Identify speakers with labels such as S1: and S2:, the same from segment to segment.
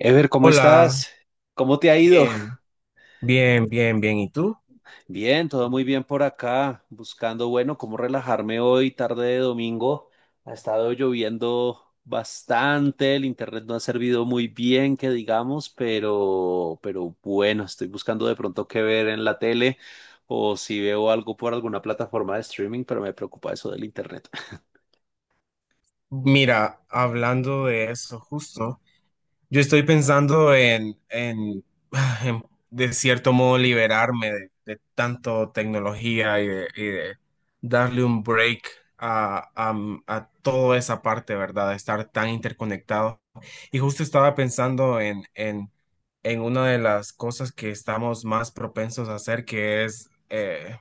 S1: Ever, ¿cómo
S2: Hola,
S1: estás? ¿Cómo te ha ido?
S2: bien, bien, bien, bien. ¿Y tú?
S1: Bien, todo muy bien por acá, buscando, bueno, cómo relajarme hoy, tarde de domingo. Ha estado lloviendo bastante, el internet no ha servido muy bien, que digamos, pero bueno, estoy buscando de pronto qué ver en la tele o si veo algo por alguna plataforma de streaming, pero me preocupa eso del internet.
S2: Mira, hablando de eso justo. Yo estoy pensando en, en, de cierto modo, liberarme de tanto tecnología y de darle un break a a toda esa parte, ¿verdad? De estar tan interconectado. Y justo estaba pensando en en una de las cosas que estamos más propensos a hacer, que es eh,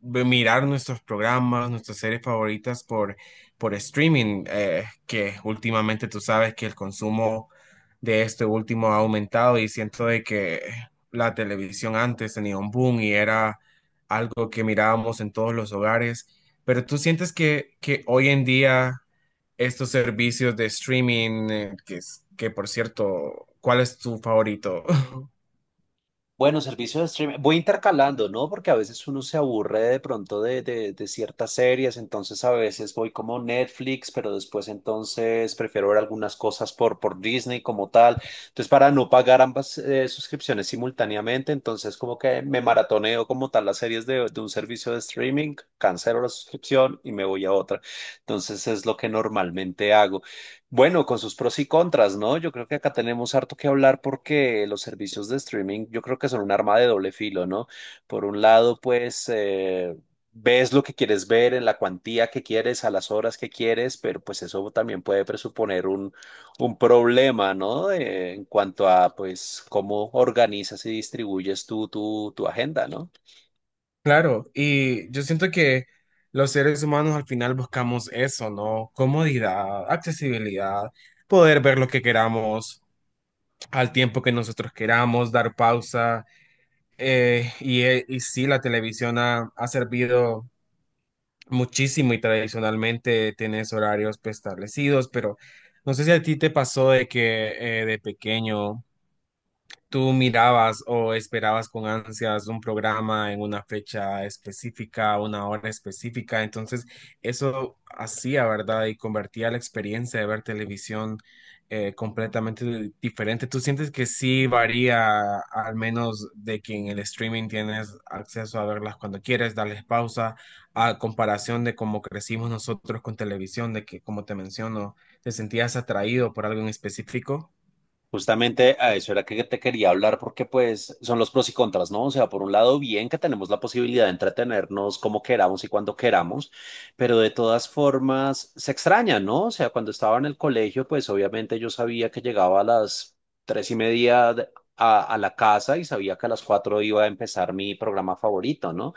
S2: ve- mirar nuestros programas, nuestras series favoritas por streaming, que últimamente tú sabes que el consumo de este último ha aumentado y siento de que la televisión antes tenía un boom y era algo que mirábamos en todos los hogares, pero tú sientes que hoy en día estos servicios de streaming, que por cierto, ¿cuál es tu favorito?
S1: Bueno, servicio de streaming. Voy intercalando, ¿no? Porque a veces uno se aburre de pronto de ciertas series, entonces a veces voy como Netflix, pero después entonces prefiero ver algunas cosas por Disney como tal. Entonces, para no pagar ambas suscripciones simultáneamente, entonces como que me maratoneo como tal las series de un servicio de streaming, cancelo la suscripción y me voy a otra. Entonces es lo que normalmente hago. Bueno, con sus pros y contras, ¿no? Yo creo que acá tenemos harto que hablar porque los servicios de streaming yo creo que son un arma de doble filo, ¿no? Por un lado, pues ves lo que quieres ver en la cuantía que quieres, a las horas que quieres, pero pues eso también puede presuponer un problema, ¿no? En cuanto a pues cómo organizas y distribuyes tú tu agenda, ¿no?
S2: Claro, y yo siento que los seres humanos al final buscamos eso, ¿no? Comodidad, accesibilidad, poder ver lo que queramos al tiempo que nosotros queramos, dar pausa. Y sí, la televisión ha servido muchísimo y tradicionalmente tienes horarios, pues, establecidos, pero no sé si a ti te pasó de que de pequeño ¿tú mirabas o esperabas con ansias un programa en una fecha específica, una hora específica? Entonces, eso hacía, ¿verdad? Y convertía la experiencia de ver televisión completamente diferente. ¿Tú sientes que sí varía, al menos de que en el streaming tienes acceso a verlas cuando quieres, darles pausa, a comparación de cómo crecimos nosotros con televisión, de que, como te menciono, te sentías atraído por algo en específico?
S1: Justamente a eso era que te quería hablar porque pues son los pros y contras, ¿no? O sea, por un lado, bien que tenemos la posibilidad de entretenernos como queramos y cuando queramos, pero de todas formas se extraña, ¿no? O sea, cuando estaba en el colegio, pues obviamente yo sabía que llegaba a las 3:30 a la casa y sabía que a las 4 iba a empezar mi programa favorito, ¿no?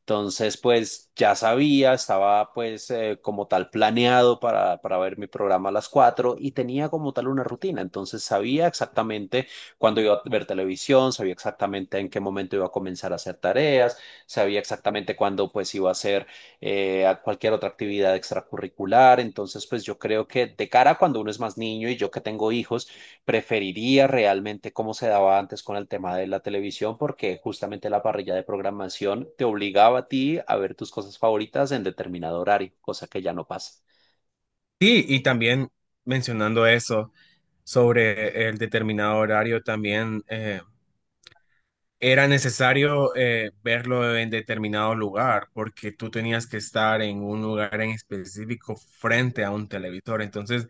S1: Entonces, pues ya sabía, estaba pues como tal planeado para ver mi programa a las 4 y tenía como tal una rutina. Entonces sabía exactamente cuándo iba a ver televisión, sabía exactamente en qué momento iba a comenzar a hacer tareas, sabía exactamente cuándo pues iba a hacer a cualquier otra actividad extracurricular. Entonces, pues yo creo que de cara a cuando uno es más niño y yo que tengo hijos, preferiría realmente cómo se daba antes con el tema de la televisión, porque justamente la parrilla de programación te obligaba a ti a ver tus cosas favoritas en determinado horario, cosa que ya no pasa.
S2: Sí, y también mencionando eso sobre el determinado horario, también era necesario verlo en determinado lugar, porque tú tenías que estar en un lugar en específico frente a un televisor, entonces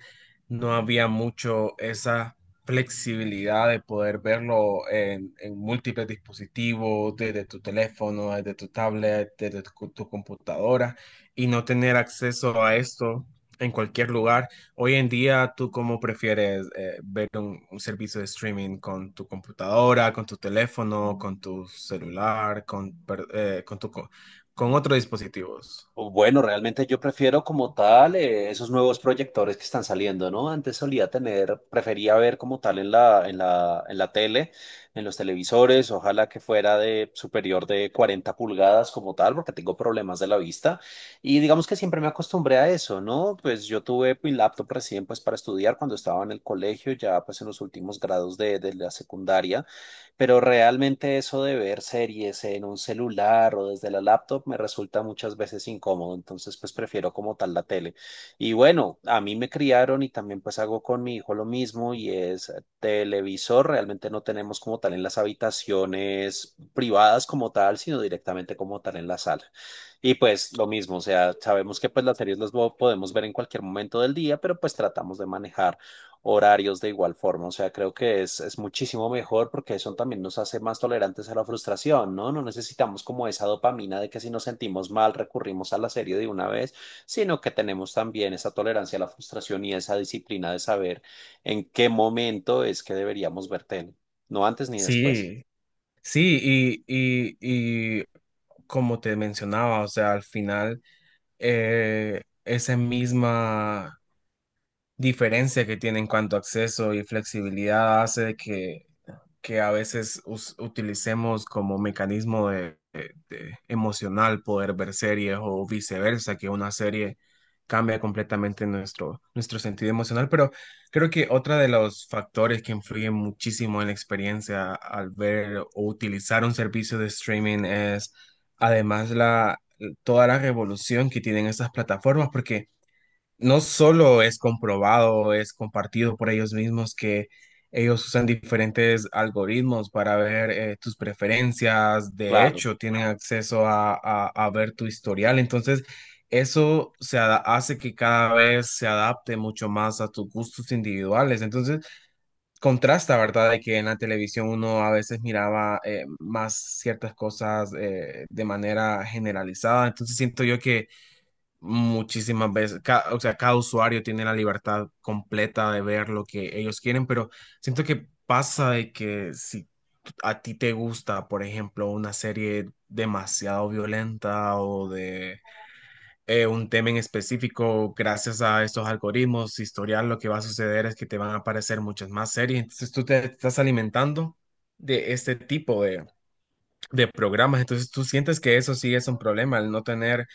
S2: no había mucho esa flexibilidad de poder en múltiples dispositivos, desde tu teléfono, desde tu tablet, desde tu computadora, y no tener acceso a esto en cualquier lugar. Hoy en día, ¿tú cómo prefieres un servicio de streaming con tu computadora, con tu teléfono, con tu celular, con, per- con, tu, co- con otros dispositivos?
S1: O bueno, realmente yo prefiero como tal esos nuevos proyectores que están saliendo, ¿no? Antes solía tener, prefería ver como tal en la tele, en los televisores, ojalá que fuera de superior de 40 pulgadas como tal, porque tengo problemas de la vista. Y digamos que siempre me acostumbré a eso, ¿no? Pues yo tuve mi laptop recién pues para estudiar cuando estaba en el colegio, ya pues en los últimos grados de la secundaria. Pero realmente eso de ver series en un celular o desde la laptop me resulta muchas veces incómodo, entonces pues prefiero como tal la tele. Y bueno, a mí me criaron y también pues hago con mi hijo lo mismo y es televisor, realmente no tenemos como tal en las habitaciones privadas como tal, sino directamente como tal en la sala. Y pues lo mismo, o sea, sabemos que pues las series las podemos ver en cualquier momento del día, pero pues tratamos de manejar horarios de igual forma. O sea, creo que es muchísimo mejor porque eso también nos hace más tolerantes a la frustración, ¿no? No necesitamos como esa dopamina de que si nos sentimos mal recurrimos a la serie de una vez, sino que tenemos también esa tolerancia a la frustración y esa disciplina de saber en qué momento es que deberíamos ver tele, no antes ni después.
S2: Sí. Sí, y como te mencionaba, o sea, al final, esa misma diferencia que tiene en cuanto a acceso y flexibilidad hace que a veces utilicemos como mecanismo de emocional poder ver series o viceversa, que una serie cambia completamente nuestro sentido emocional, pero creo que otro de los factores que influyen muchísimo en la experiencia al ver o utilizar un servicio de streaming es además toda la revolución que tienen estas plataformas, porque no solo es comprobado, es compartido por ellos mismos que ellos usan diferentes algoritmos para ver tus preferencias, de
S1: Claro.
S2: hecho, tienen acceso a ver tu historial, entonces eso hace que cada vez se adapte mucho más a tus gustos individuales, entonces contrasta, ¿verdad? De que en la televisión uno a veces miraba más ciertas cosas de manera generalizada, entonces siento yo que muchísimas veces, o sea, cada usuario tiene la libertad completa de ver lo que ellos quieren, pero siento que pasa de que si a ti te gusta, por ejemplo, una serie demasiado violenta o de un tema en específico, gracias a estos algoritmos, historial, lo que va a suceder es que te van a aparecer muchas más series, entonces tú te estás alimentando de este tipo de programas. Entonces, tú sientes que eso sí es un problema, el no tener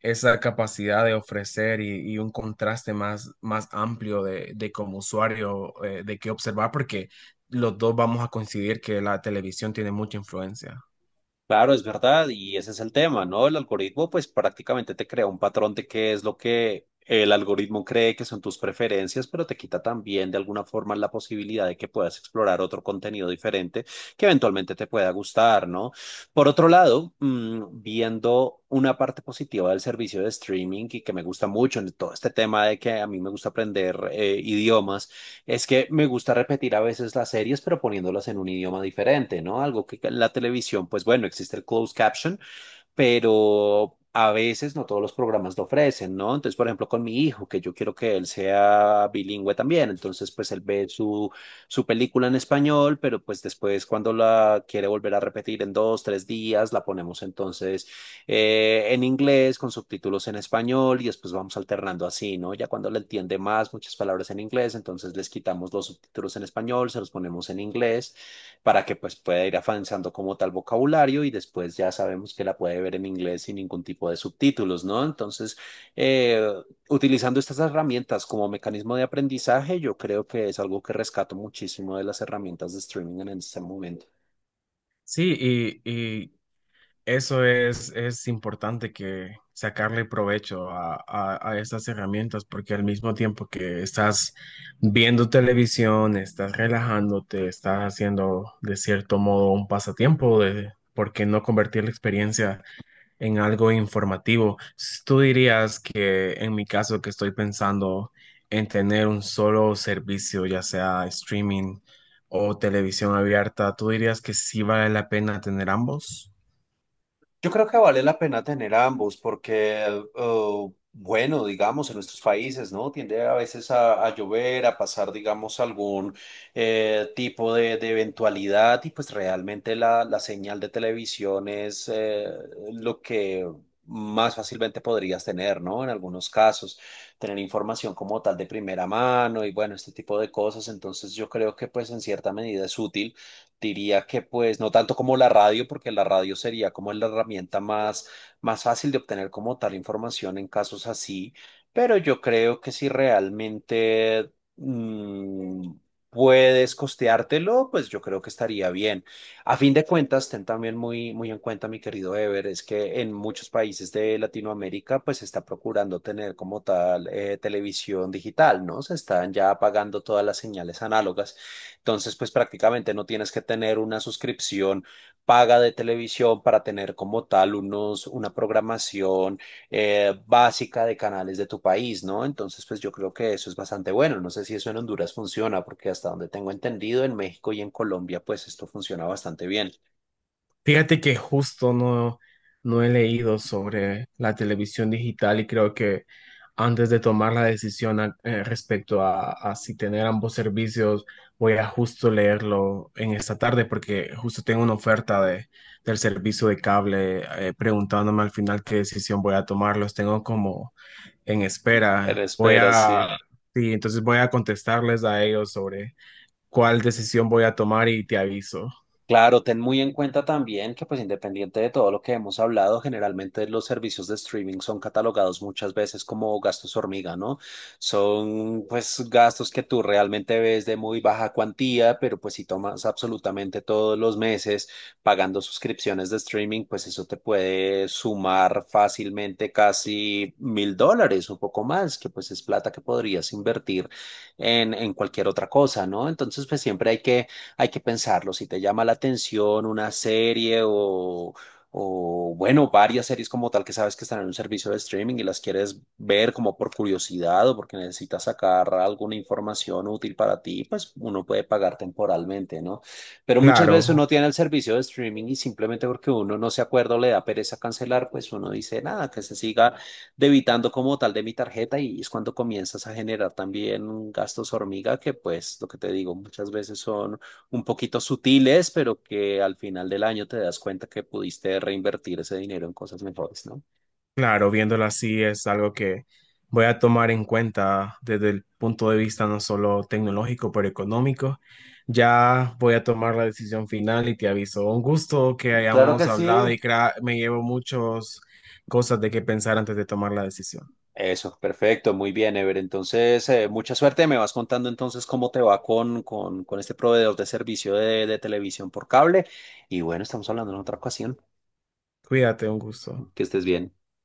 S2: esa capacidad de ofrecer y un contraste más amplio de como usuario, de qué observar, porque los dos vamos a coincidir que la televisión tiene mucha influencia.
S1: Claro, es verdad, y ese es el tema, ¿no? El algoritmo, pues prácticamente te crea un patrón de qué es lo que el algoritmo cree que son tus preferencias, pero te quita también de alguna forma la posibilidad de que puedas explorar otro contenido diferente que eventualmente te pueda gustar, ¿no? Por otro lado, viendo una parte positiva del servicio de streaming y que me gusta mucho en todo este tema de que a mí me gusta aprender idiomas. Es que me gusta repetir a veces las series, pero poniéndolas en un idioma diferente, ¿no? Algo que la televisión, pues bueno, existe el closed caption, pero a veces no todos los programas lo ofrecen, ¿no? Entonces, por ejemplo, con mi hijo, que yo quiero que él sea bilingüe también, entonces pues él ve su película en español, pero pues después cuando la quiere volver a repetir en dos, tres días, la ponemos entonces en inglés con subtítulos en español y después vamos alternando así, ¿no? Ya cuando le entiende más muchas palabras en inglés, entonces les quitamos los subtítulos en español, se los ponemos en inglés para que pues pueda ir avanzando como tal vocabulario y después ya sabemos que la puede ver en inglés sin ningún tipo de subtítulos, ¿no? Entonces, eh, utilizando estas herramientas como mecanismo de aprendizaje, yo creo que es algo que rescato muchísimo de las herramientas de streaming en este momento.
S2: Sí, y, Eso es importante que sacarle provecho a estas herramientas porque al mismo tiempo que estás viendo televisión, estás relajándote, estás haciendo de cierto modo un pasatiempo de por qué no convertir la experiencia en algo informativo. Tú dirías que en mi caso que estoy pensando en tener un solo servicio, ya sea streaming o televisión abierta, ¿tú dirías que sí vale la pena tener ambos?
S1: Yo creo que vale la pena tener ambos porque, bueno, digamos, en nuestros países, ¿no? Tiende a veces a llover, a pasar, digamos, algún tipo de eventualidad y pues realmente la señal de televisión es lo que más fácilmente podrías tener, ¿no? En algunos casos, tener información como tal de primera mano y bueno, este tipo de cosas. Entonces yo creo que pues en cierta medida es útil. Diría que pues no tanto como la radio, porque la radio sería como la herramienta más fácil de obtener como tal información en casos así, pero yo creo que si realmente mm, puedes costeártelo, pues yo creo que estaría bien. A fin de cuentas, ten también muy, muy en cuenta, mi querido Ever, es que en muchos países de Latinoamérica pues se está procurando tener como tal televisión digital, ¿no? Se están ya apagando todas las señales análogas. Entonces, pues prácticamente no tienes que tener una suscripción paga de televisión para tener como tal una programación básica de canales de tu país, ¿no? Entonces, pues yo creo que eso es bastante bueno. No sé si eso en Honduras funciona, porque hasta donde tengo entendido, en México y en Colombia, pues esto funciona bastante bien.
S2: Fíjate que justo no, no he leído sobre la televisión digital y creo que antes de tomar la decisión respecto a si tener ambos servicios, voy a justo leerlo en esta tarde porque justo tengo una oferta del servicio de cable preguntándome al final qué decisión voy a tomar. Los tengo como en
S1: En
S2: espera. Voy
S1: espera, sí.
S2: a, sí, entonces voy a contestarles a ellos sobre cuál decisión voy a tomar y te aviso.
S1: Claro, ten muy en cuenta también que pues independiente de todo lo que hemos hablado, generalmente los servicios de streaming son catalogados muchas veces como gastos hormiga, ¿no? Son pues gastos que tú realmente ves de muy baja cuantía, pero pues si tomas absolutamente todos los meses pagando suscripciones de streaming, pues eso te puede sumar fácilmente casi 1.000 dólares, un poco más, que pues es plata que podrías invertir en cualquier otra cosa, ¿no? Entonces pues siempre hay que pensarlo. Si te llama la atención una serie o, bueno, varias series como tal que sabes que están en un servicio de streaming y las quieres ver como por curiosidad o porque necesitas sacar alguna información útil para ti, pues uno puede pagar temporalmente, ¿no? Pero muchas veces
S2: Claro.
S1: uno tiene el servicio de streaming y simplemente porque uno no se acuerda o le da pereza cancelar, pues uno dice nada, que se siga debitando como tal de mi tarjeta y es cuando comienzas a generar también gastos hormiga que pues lo que te digo muchas veces son un poquito sutiles, pero que al final del año te das cuenta que pudiste reinvertir ese dinero en cosas mejores, ¿no?
S2: Claro, viéndolo así es algo que voy a tomar en cuenta desde el punto de vista no solo tecnológico, pero económico. Ya voy a tomar la decisión final y te aviso. Un gusto que
S1: Claro que
S2: hayamos hablado
S1: sí.
S2: y me llevo muchas cosas de qué pensar antes de tomar la decisión.
S1: Eso, perfecto, muy bien, Ever. Entonces, mucha suerte. Me vas contando entonces cómo te va con este proveedor de servicio de televisión por cable. Y bueno, estamos hablando en otra ocasión.
S2: Cuídate, un gusto.
S1: Que estés bien.